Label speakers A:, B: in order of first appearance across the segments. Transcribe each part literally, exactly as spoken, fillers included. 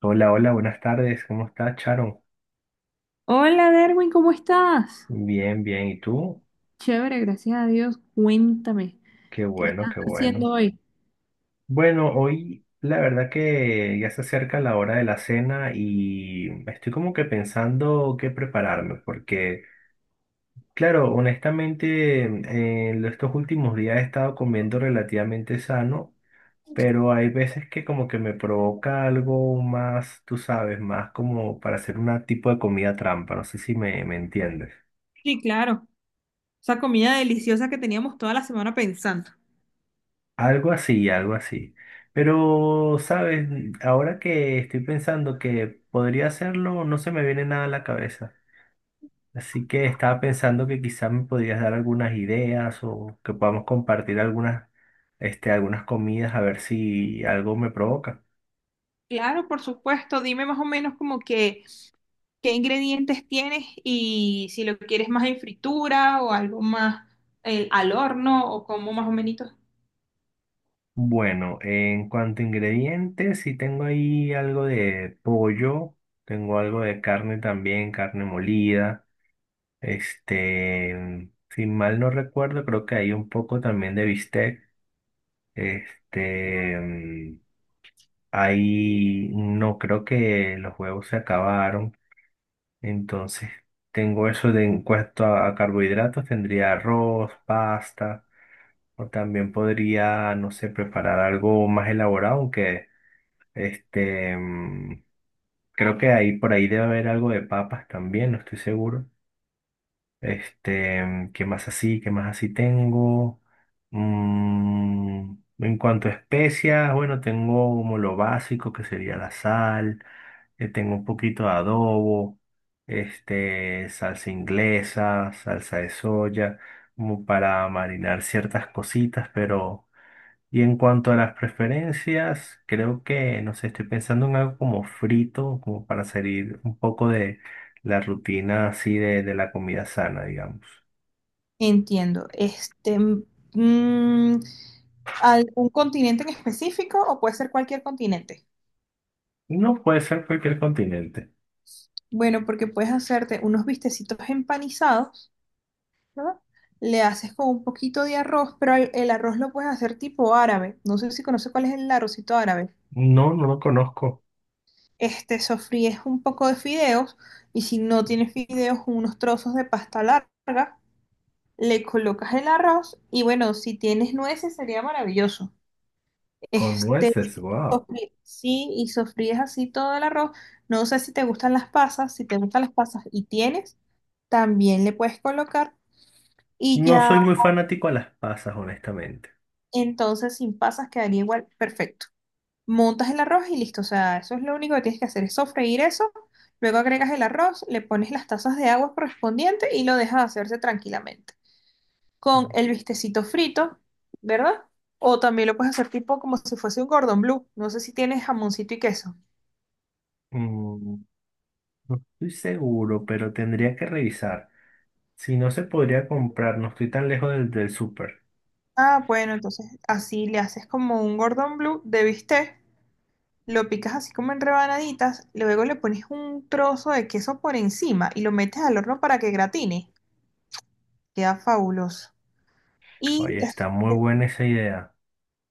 A: Hola, hola, buenas tardes. ¿Cómo estás, Charon?
B: Hola Derwin, ¿cómo estás?
A: Bien, bien. ¿Y tú?
B: Chévere, gracias a Dios. Cuéntame,
A: Qué
B: ¿qué
A: bueno,
B: estás
A: qué bueno.
B: haciendo hoy?
A: Bueno, hoy la verdad que ya se acerca la hora de la cena y estoy como que pensando qué prepararme, porque, claro, honestamente, en estos últimos días he estado comiendo relativamente sano, pero hay veces que como que me provoca algo más, tú sabes, más como para hacer un tipo de comida trampa. No sé si me, me entiendes.
B: Sí, claro. Esa comida deliciosa que teníamos toda la semana pensando.
A: Algo así, algo así. Pero, ¿sabes? Ahora que estoy pensando que podría hacerlo, no se me viene nada a la cabeza. Así que estaba pensando que quizás me podrías dar algunas ideas o que podamos compartir algunas, este, algunas comidas a ver si algo me provoca.
B: Claro, por supuesto. Dime más o menos como que qué ingredientes tienes y si lo quieres más en fritura o algo más eh, al horno o como más o menos.
A: Bueno, en cuanto a ingredientes, sí tengo ahí algo de pollo, tengo algo de carne también, carne molida. Este, si mal no recuerdo, creo que hay un poco también de bistec. Este, mm, Hay, no creo que los huevos se acabaron. Entonces, tengo eso de en cuanto a, a carbohidratos, tendría arroz, pasta, o también podría, no sé, preparar algo más elaborado, aunque este, mm, creo que ahí por ahí debe haber algo de papas también, no estoy seguro. Este, mm, ¿qué más así? ¿Qué más así tengo? Mm, en cuanto a especias, bueno, tengo como lo básico que sería la sal, eh, tengo un poquito de adobo, este, salsa inglesa, salsa de soya, como para marinar ciertas cositas, pero y en cuanto a las preferencias, creo que, no sé, estoy pensando en algo como frito, como para salir un poco de la rutina así de, de la comida sana, digamos.
B: Entiendo. Este, mm, ¿algún continente en específico o puede ser cualquier continente?
A: No puede ser cualquier continente.
B: Bueno, porque puedes hacerte unos bistecitos empanizados, ¿no? Le haces con un poquito de arroz, pero el, el arroz lo puedes hacer tipo árabe. No sé si conoces cuál es el arrocito árabe.
A: No, no lo conozco.
B: Este, sofríes un poco de fideos y si no tienes fideos, unos trozos de pasta larga, le colocas el arroz y bueno, si tienes nueces sería maravilloso.
A: Con
B: Este,
A: nueces, wow.
B: sofrí- sí, y sofríes así todo el arroz. No sé si te gustan las pasas, si te gustan las pasas y tienes, también le puedes colocar. Y
A: No
B: ya
A: soy muy fanático a las pasas, honestamente.
B: entonces sin pasas quedaría igual, perfecto. Montas el arroz y listo, o sea, eso es lo único que tienes que hacer, es sofreír eso, luego agregas el arroz, le pones las tazas de agua correspondiente y lo dejas hacerse tranquilamente. Con el bistecito frito, ¿verdad? O también lo puedes hacer tipo como si fuese un Gordon Blue, no sé si tienes jamoncito y queso.
A: Mm, no estoy seguro, pero tendría que revisar. Si no se podría comprar, no estoy tan lejos del, del súper.
B: Ah, bueno, entonces así le haces como un Gordon Blue de bistec. Lo picas así como en rebanaditas, luego le pones un trozo de queso por encima y lo metes al horno para que gratine. Queda fabuloso. Y
A: Oye,
B: es
A: está muy buena esa idea.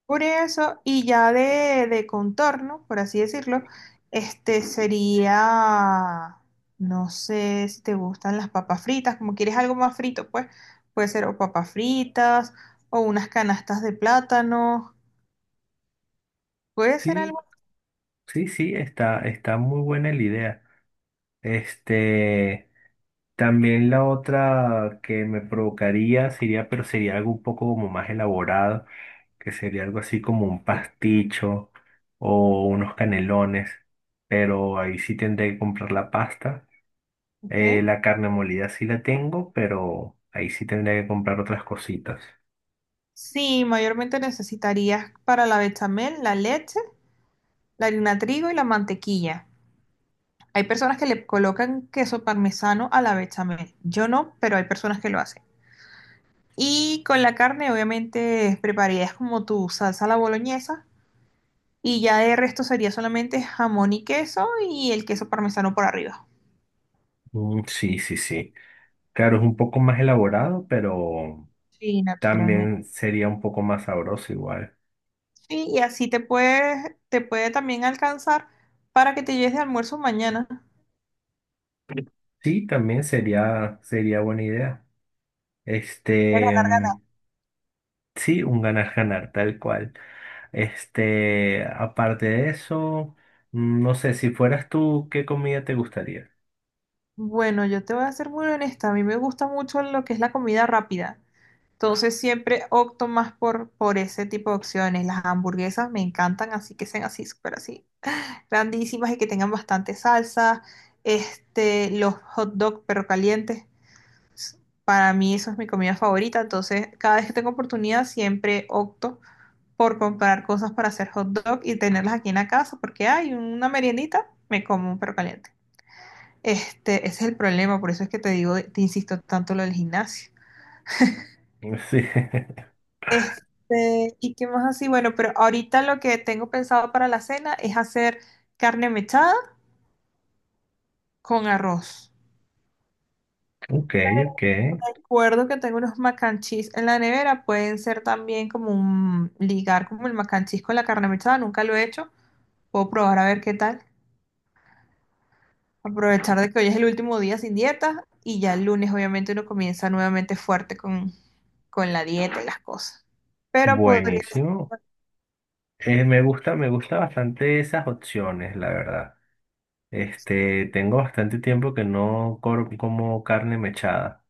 B: por eso, y ya de, de contorno, por así decirlo, este sería, no sé si te gustan las papas fritas, como quieres algo más frito, pues puede ser o papas fritas o unas canastas de plátano, puede ser
A: Sí.
B: algo,
A: Sí, sí, está, está muy buena la idea. Este, También la otra que me provocaría sería, pero sería algo un poco como más elaborado, que sería algo así como un pasticho o unos canelones, pero ahí sí tendré que comprar la pasta. Eh,
B: ¿ok?
A: la carne molida sí la tengo, pero ahí sí tendré que comprar otras cositas.
B: Sí, mayormente necesitarías para la bechamel la leche, la harina trigo y la mantequilla. Hay personas que le colocan queso parmesano a la bechamel. Yo no, pero hay personas que lo hacen. Y con la carne, obviamente, prepararías como tu salsa a la boloñesa. Y ya de resto sería solamente jamón y queso y el queso parmesano por arriba.
A: Mm, sí, sí, sí. Claro, es un poco más elaborado, pero
B: Sí, naturalmente.
A: también sería un poco más sabroso igual.
B: Sí, y así te puedes, te puede también alcanzar para que te lleves de almuerzo mañana.
A: Sí, también sería, sería buena idea. Este, mm, sí, un ganar-ganar, tal cual. Este, aparte de eso, mm, no sé, si fueras tú, ¿qué comida te gustaría?
B: Bueno, yo te voy a ser muy honesta. A mí me gusta mucho lo que es la comida rápida. Entonces siempre opto más por, por ese tipo de opciones. Las hamburguesas me encantan, así que sean así, súper así, grandísimas y que tengan bastante salsa. Este, los hot dog, perro calientes, para mí eso es mi comida favorita. Entonces, cada vez que tengo oportunidad, siempre opto por comprar cosas para hacer hot dog y tenerlas aquí en la casa, porque hay una meriendita, me como un perro caliente. Este, ese es el problema, por eso es que te digo, te insisto tanto lo del gimnasio.
A: Sí.
B: Este, ¿y qué más así? Bueno, pero ahorita lo que tengo pensado para la cena es hacer carne mechada con arroz.
A: Ok, ok.
B: Recuerdo que tengo unos mac and cheese en la nevera, pueden ser también como un ligar como el mac and cheese con la carne mechada, nunca lo he hecho. Puedo probar a ver qué tal. Aprovechar de que hoy es el último día sin dieta y ya el lunes obviamente uno comienza nuevamente fuerte con, con la dieta y las cosas. Pero podría.
A: Buenísimo. Eh, me gusta, me gusta bastante esas opciones, la verdad. Este, tengo bastante tiempo que no cor- como carne mechada.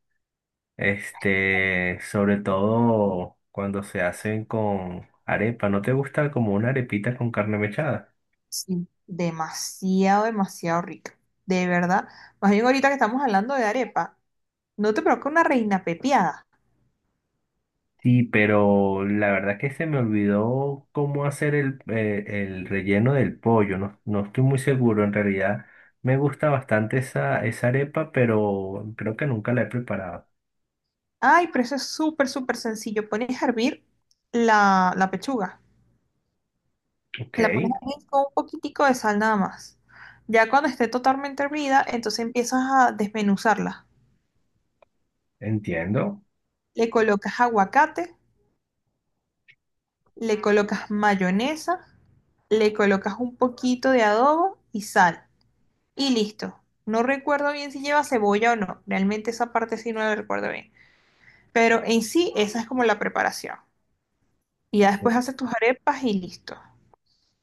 A: Este, sobre todo cuando se hacen con arepa. ¿No te gusta como una arepita con carne mechada?
B: Sí, demasiado, demasiado rica. De verdad. Más bien ahorita que estamos hablando de arepa, no te provoca una reina pepiada.
A: Sí, pero la verdad que se me olvidó cómo hacer el, eh, el relleno del pollo. No, no estoy muy seguro. En realidad me gusta bastante esa, esa arepa, pero creo que nunca la he preparado.
B: Ay, pero eso es súper, súper sencillo. Pones a hervir la, la pechuga.
A: Ok,
B: La pones a hervir con un poquitico de sal nada más. Ya cuando esté totalmente hervida, entonces empiezas a desmenuzarla.
A: entiendo.
B: Le colocas aguacate, le colocas mayonesa, le colocas un poquito de adobo y sal. Y listo. No recuerdo bien si lleva cebolla o no. Realmente esa parte sí no la recuerdo bien. Pero en sí, esa es como la preparación. Y ya después haces tus arepas y listo.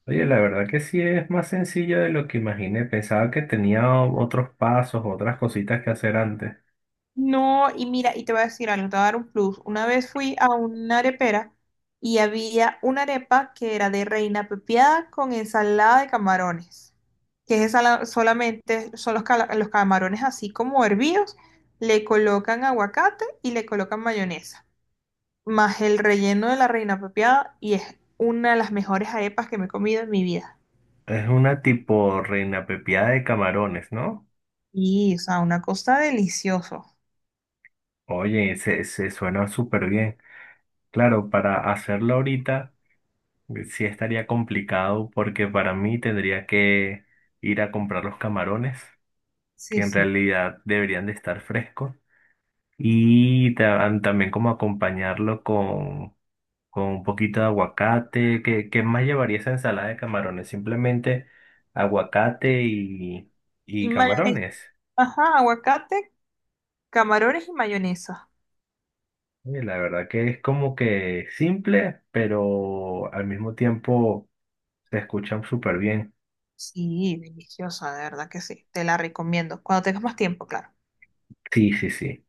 A: Oye, la verdad que sí es más sencillo de lo que imaginé. Pensaba que tenía otros pasos, otras cositas que hacer antes.
B: No, y mira, y te voy a decir algo, te voy a dar un plus. Una vez fui a una arepera y había una arepa que era de reina pepiada con ensalada de camarones. Que es ensalada- solamente, son los, cala- los camarones así como hervidos, le colocan aguacate y le colocan mayonesa. Más el relleno de la reina pepiada y es una de las mejores arepas que me he comido en mi vida.
A: Es una tipo reina pepiada de camarones, ¿no?
B: Y, o sea, una cosa deliciosa.
A: Oye, se, se suena súper bien. Claro, para hacerlo ahorita eh, sí estaría complicado porque para mí tendría que ir a comprar los camarones, que
B: Sí,
A: en
B: sí.
A: realidad deberían de estar frescos, y ta- también como acompañarlo con, con un poquito de aguacate. ¿Qué, qué más llevaría esa ensalada de camarones? Simplemente aguacate y, y
B: Y mayonesa.
A: camarones.
B: Ajá, aguacate, camarones y mayonesa.
A: Y la verdad que es como que simple, pero al mismo tiempo se escuchan súper bien.
B: Sí, deliciosa, de verdad que sí. Te la recomiendo. Cuando tengas más tiempo, claro.
A: Sí, sí, sí.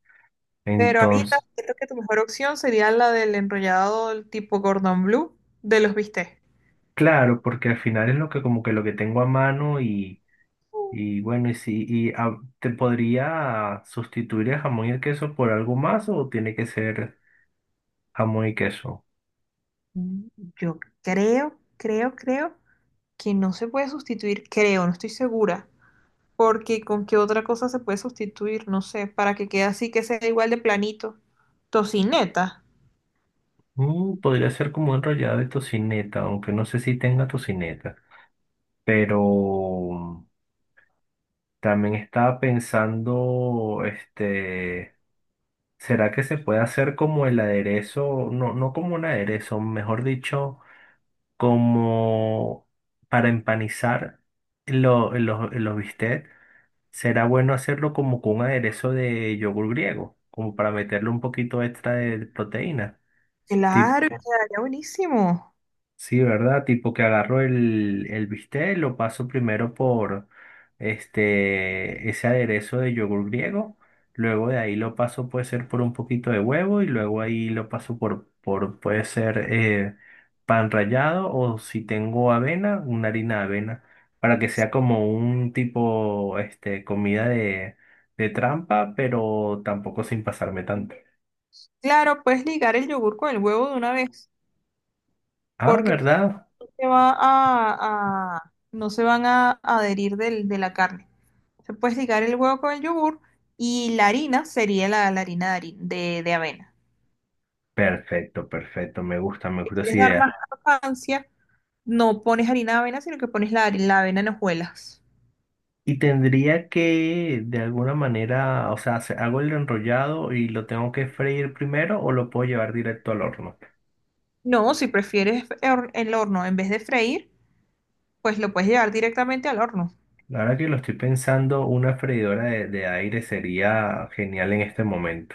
B: Pero ahorita
A: Entonces,
B: siento que tu mejor opción sería la del enrollado del tipo Gordon Blue de los bistecs.
A: claro, porque al final es lo que como que lo que tengo a mano y, y bueno, y si y ah, ¿te podría sustituir el jamón y el queso por algo más o tiene que ser jamón y queso?
B: Mm, yo creo, creo, creo que no se puede sustituir, creo, no estoy segura. Porque con qué otra cosa se puede sustituir, no sé, para que quede así, que sea igual de planito. Tocineta.
A: Mm, podría ser como enrollado de tocineta, aunque no sé si tenga tocineta, pero también estaba pensando, este... ¿Será que se puede hacer como el aderezo? No, no como un aderezo, mejor dicho, como para empanizar lo- los, los bistecs. ¿Será bueno hacerlo como con un aderezo de yogur griego? Como para meterle un poquito extra de proteína.
B: Claro, y quedaría buenísimo.
A: Sí, ¿verdad? Tipo que agarro el, el bistec, lo paso primero por este, ese aderezo de yogur griego, luego de ahí lo paso puede ser por un poquito de huevo y luego ahí lo paso por, por puede ser eh, pan rallado o si tengo avena, una harina de avena, para que sea como un tipo este, comida de, de trampa, pero tampoco sin pasarme tanto.
B: Claro, puedes ligar el yogur con el huevo de una vez,
A: Ah,
B: porque
A: ¿verdad?
B: no se va a, a- no se van a adherir del- de la carne. Se puedes ligar el huevo con el yogur y la harina sería la, la harina de, hari- de, de avena.
A: Perfecto, perfecto, me gusta, me
B: Si
A: gusta esa
B: quieres dar
A: idea.
B: más crocancia, no pones harina de avena, sino que pones la, hari- la avena en hojuelas.
A: Y tendría que, de alguna manera, o sea, se- hago el enrollado y lo tengo que freír primero o lo puedo llevar directo al horno.
B: No, si prefieres hor- el horno en vez de freír, pues lo puedes llevar directamente al horno.
A: La verdad que lo estoy pensando, una freidora de, de aire sería genial en este momento.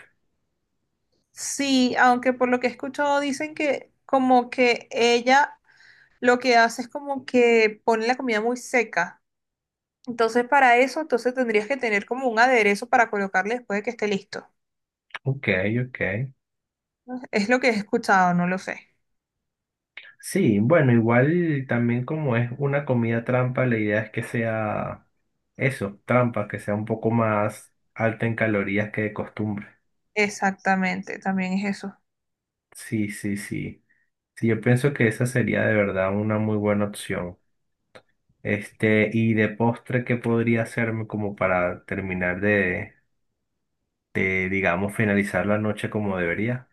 B: Sí, aunque por lo que he escuchado dicen que como que ella lo que hace es como que pone la comida muy seca. Entonces para eso, entonces tendrías que tener como un aderezo para colocarle después de que esté listo.
A: Ok, ok.
B: Es lo que he escuchado, no lo sé.
A: Sí, bueno, igual también como es una comida trampa, la idea es que sea eso, trampa, que sea un poco más alta en calorías que de costumbre.
B: Exactamente, también es eso.
A: Sí, sí, sí. Sí, yo pienso que esa sería de verdad una muy buena opción. Este, y de postre, ¿qué podría hacerme como para terminar de, de, digamos, finalizar la noche como debería?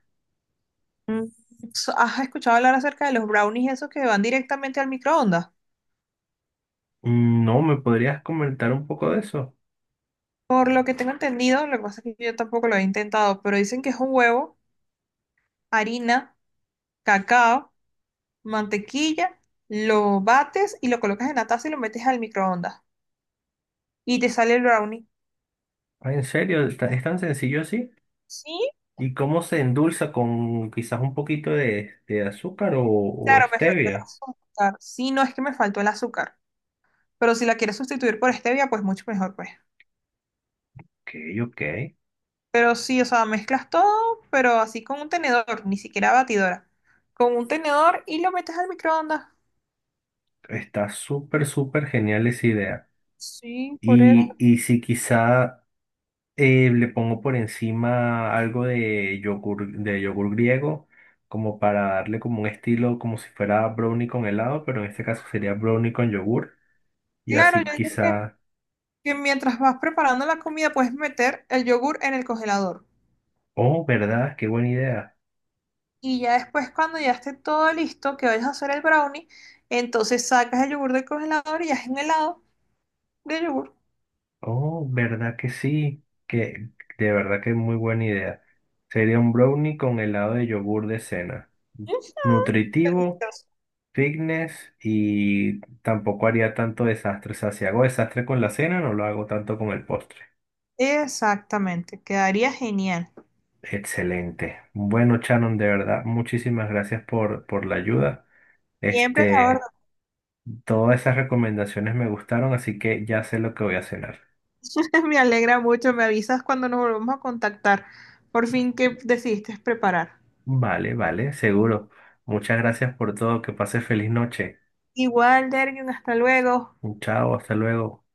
B: Mm, so- ¿Has escuchado hablar acerca de los brownies esos que van directamente al microondas?
A: Mm, no, ¿me podrías comentar un poco de eso?
B: Por lo que tengo entendido, lo que pasa es que yo tampoco lo he intentado, pero dicen que es un huevo, harina, cacao, mantequilla, lo bates y lo colocas en la taza y lo metes al microondas. Y te sale el brownie.
A: Ah, ¿en serio? ¿Es tan es tan sencillo así?
B: Sí,
A: ¿Y cómo se endulza con quizás un poquito de, de azúcar o, o
B: claro, me faltó el
A: stevia?
B: azúcar. Sí, no es que me faltó el azúcar. Pero si la quieres sustituir por stevia, pues mucho mejor, pues.
A: Ok, ok.
B: Pero sí, o sea, mezclas todo, pero así con un tenedor, ni siquiera batidora. Con un tenedor y lo metes al microondas.
A: Está súper, súper genial esa idea.
B: Sí, por eso.
A: Y, y si quizá Eh, le pongo por encima algo de yogur, de yogur griego, como para darle como un estilo, como si fuera brownie con helado, pero en este caso sería brownie con yogur. Y
B: Claro, yo
A: así
B: digo que
A: quizá,
B: que mientras vas preparando la comida puedes meter el yogur en el congelador.
A: oh, ¿verdad? Qué buena idea.
B: Y ya después, cuando ya esté todo listo, que vayas a hacer el brownie, entonces sacas el yogur del congelador y haces un helado de yogur.
A: Oh, ¿verdad que sí? Que de verdad que es muy buena idea. Sería un brownie con helado de yogur de cena. Nutritivo,
B: Delicioso.
A: fitness y tampoco haría tanto desastre. O sea, si hago desastre con la cena, no lo hago tanto con el postre.
B: Exactamente, quedaría genial.
A: Excelente. Bueno, Shannon, de verdad, muchísimas gracias por, por la ayuda.
B: Siempre la orden.
A: Este, Todas esas recomendaciones me gustaron, así que ya sé lo que voy a cenar.
B: Me alegra mucho, me avisas cuando nos volvamos a contactar. Por fin, ¿qué decidiste preparar?
A: Vale, vale, seguro. Muchas gracias por todo. Que pase feliz noche.
B: Igual, Dergen, hasta luego.
A: Chao, hasta luego.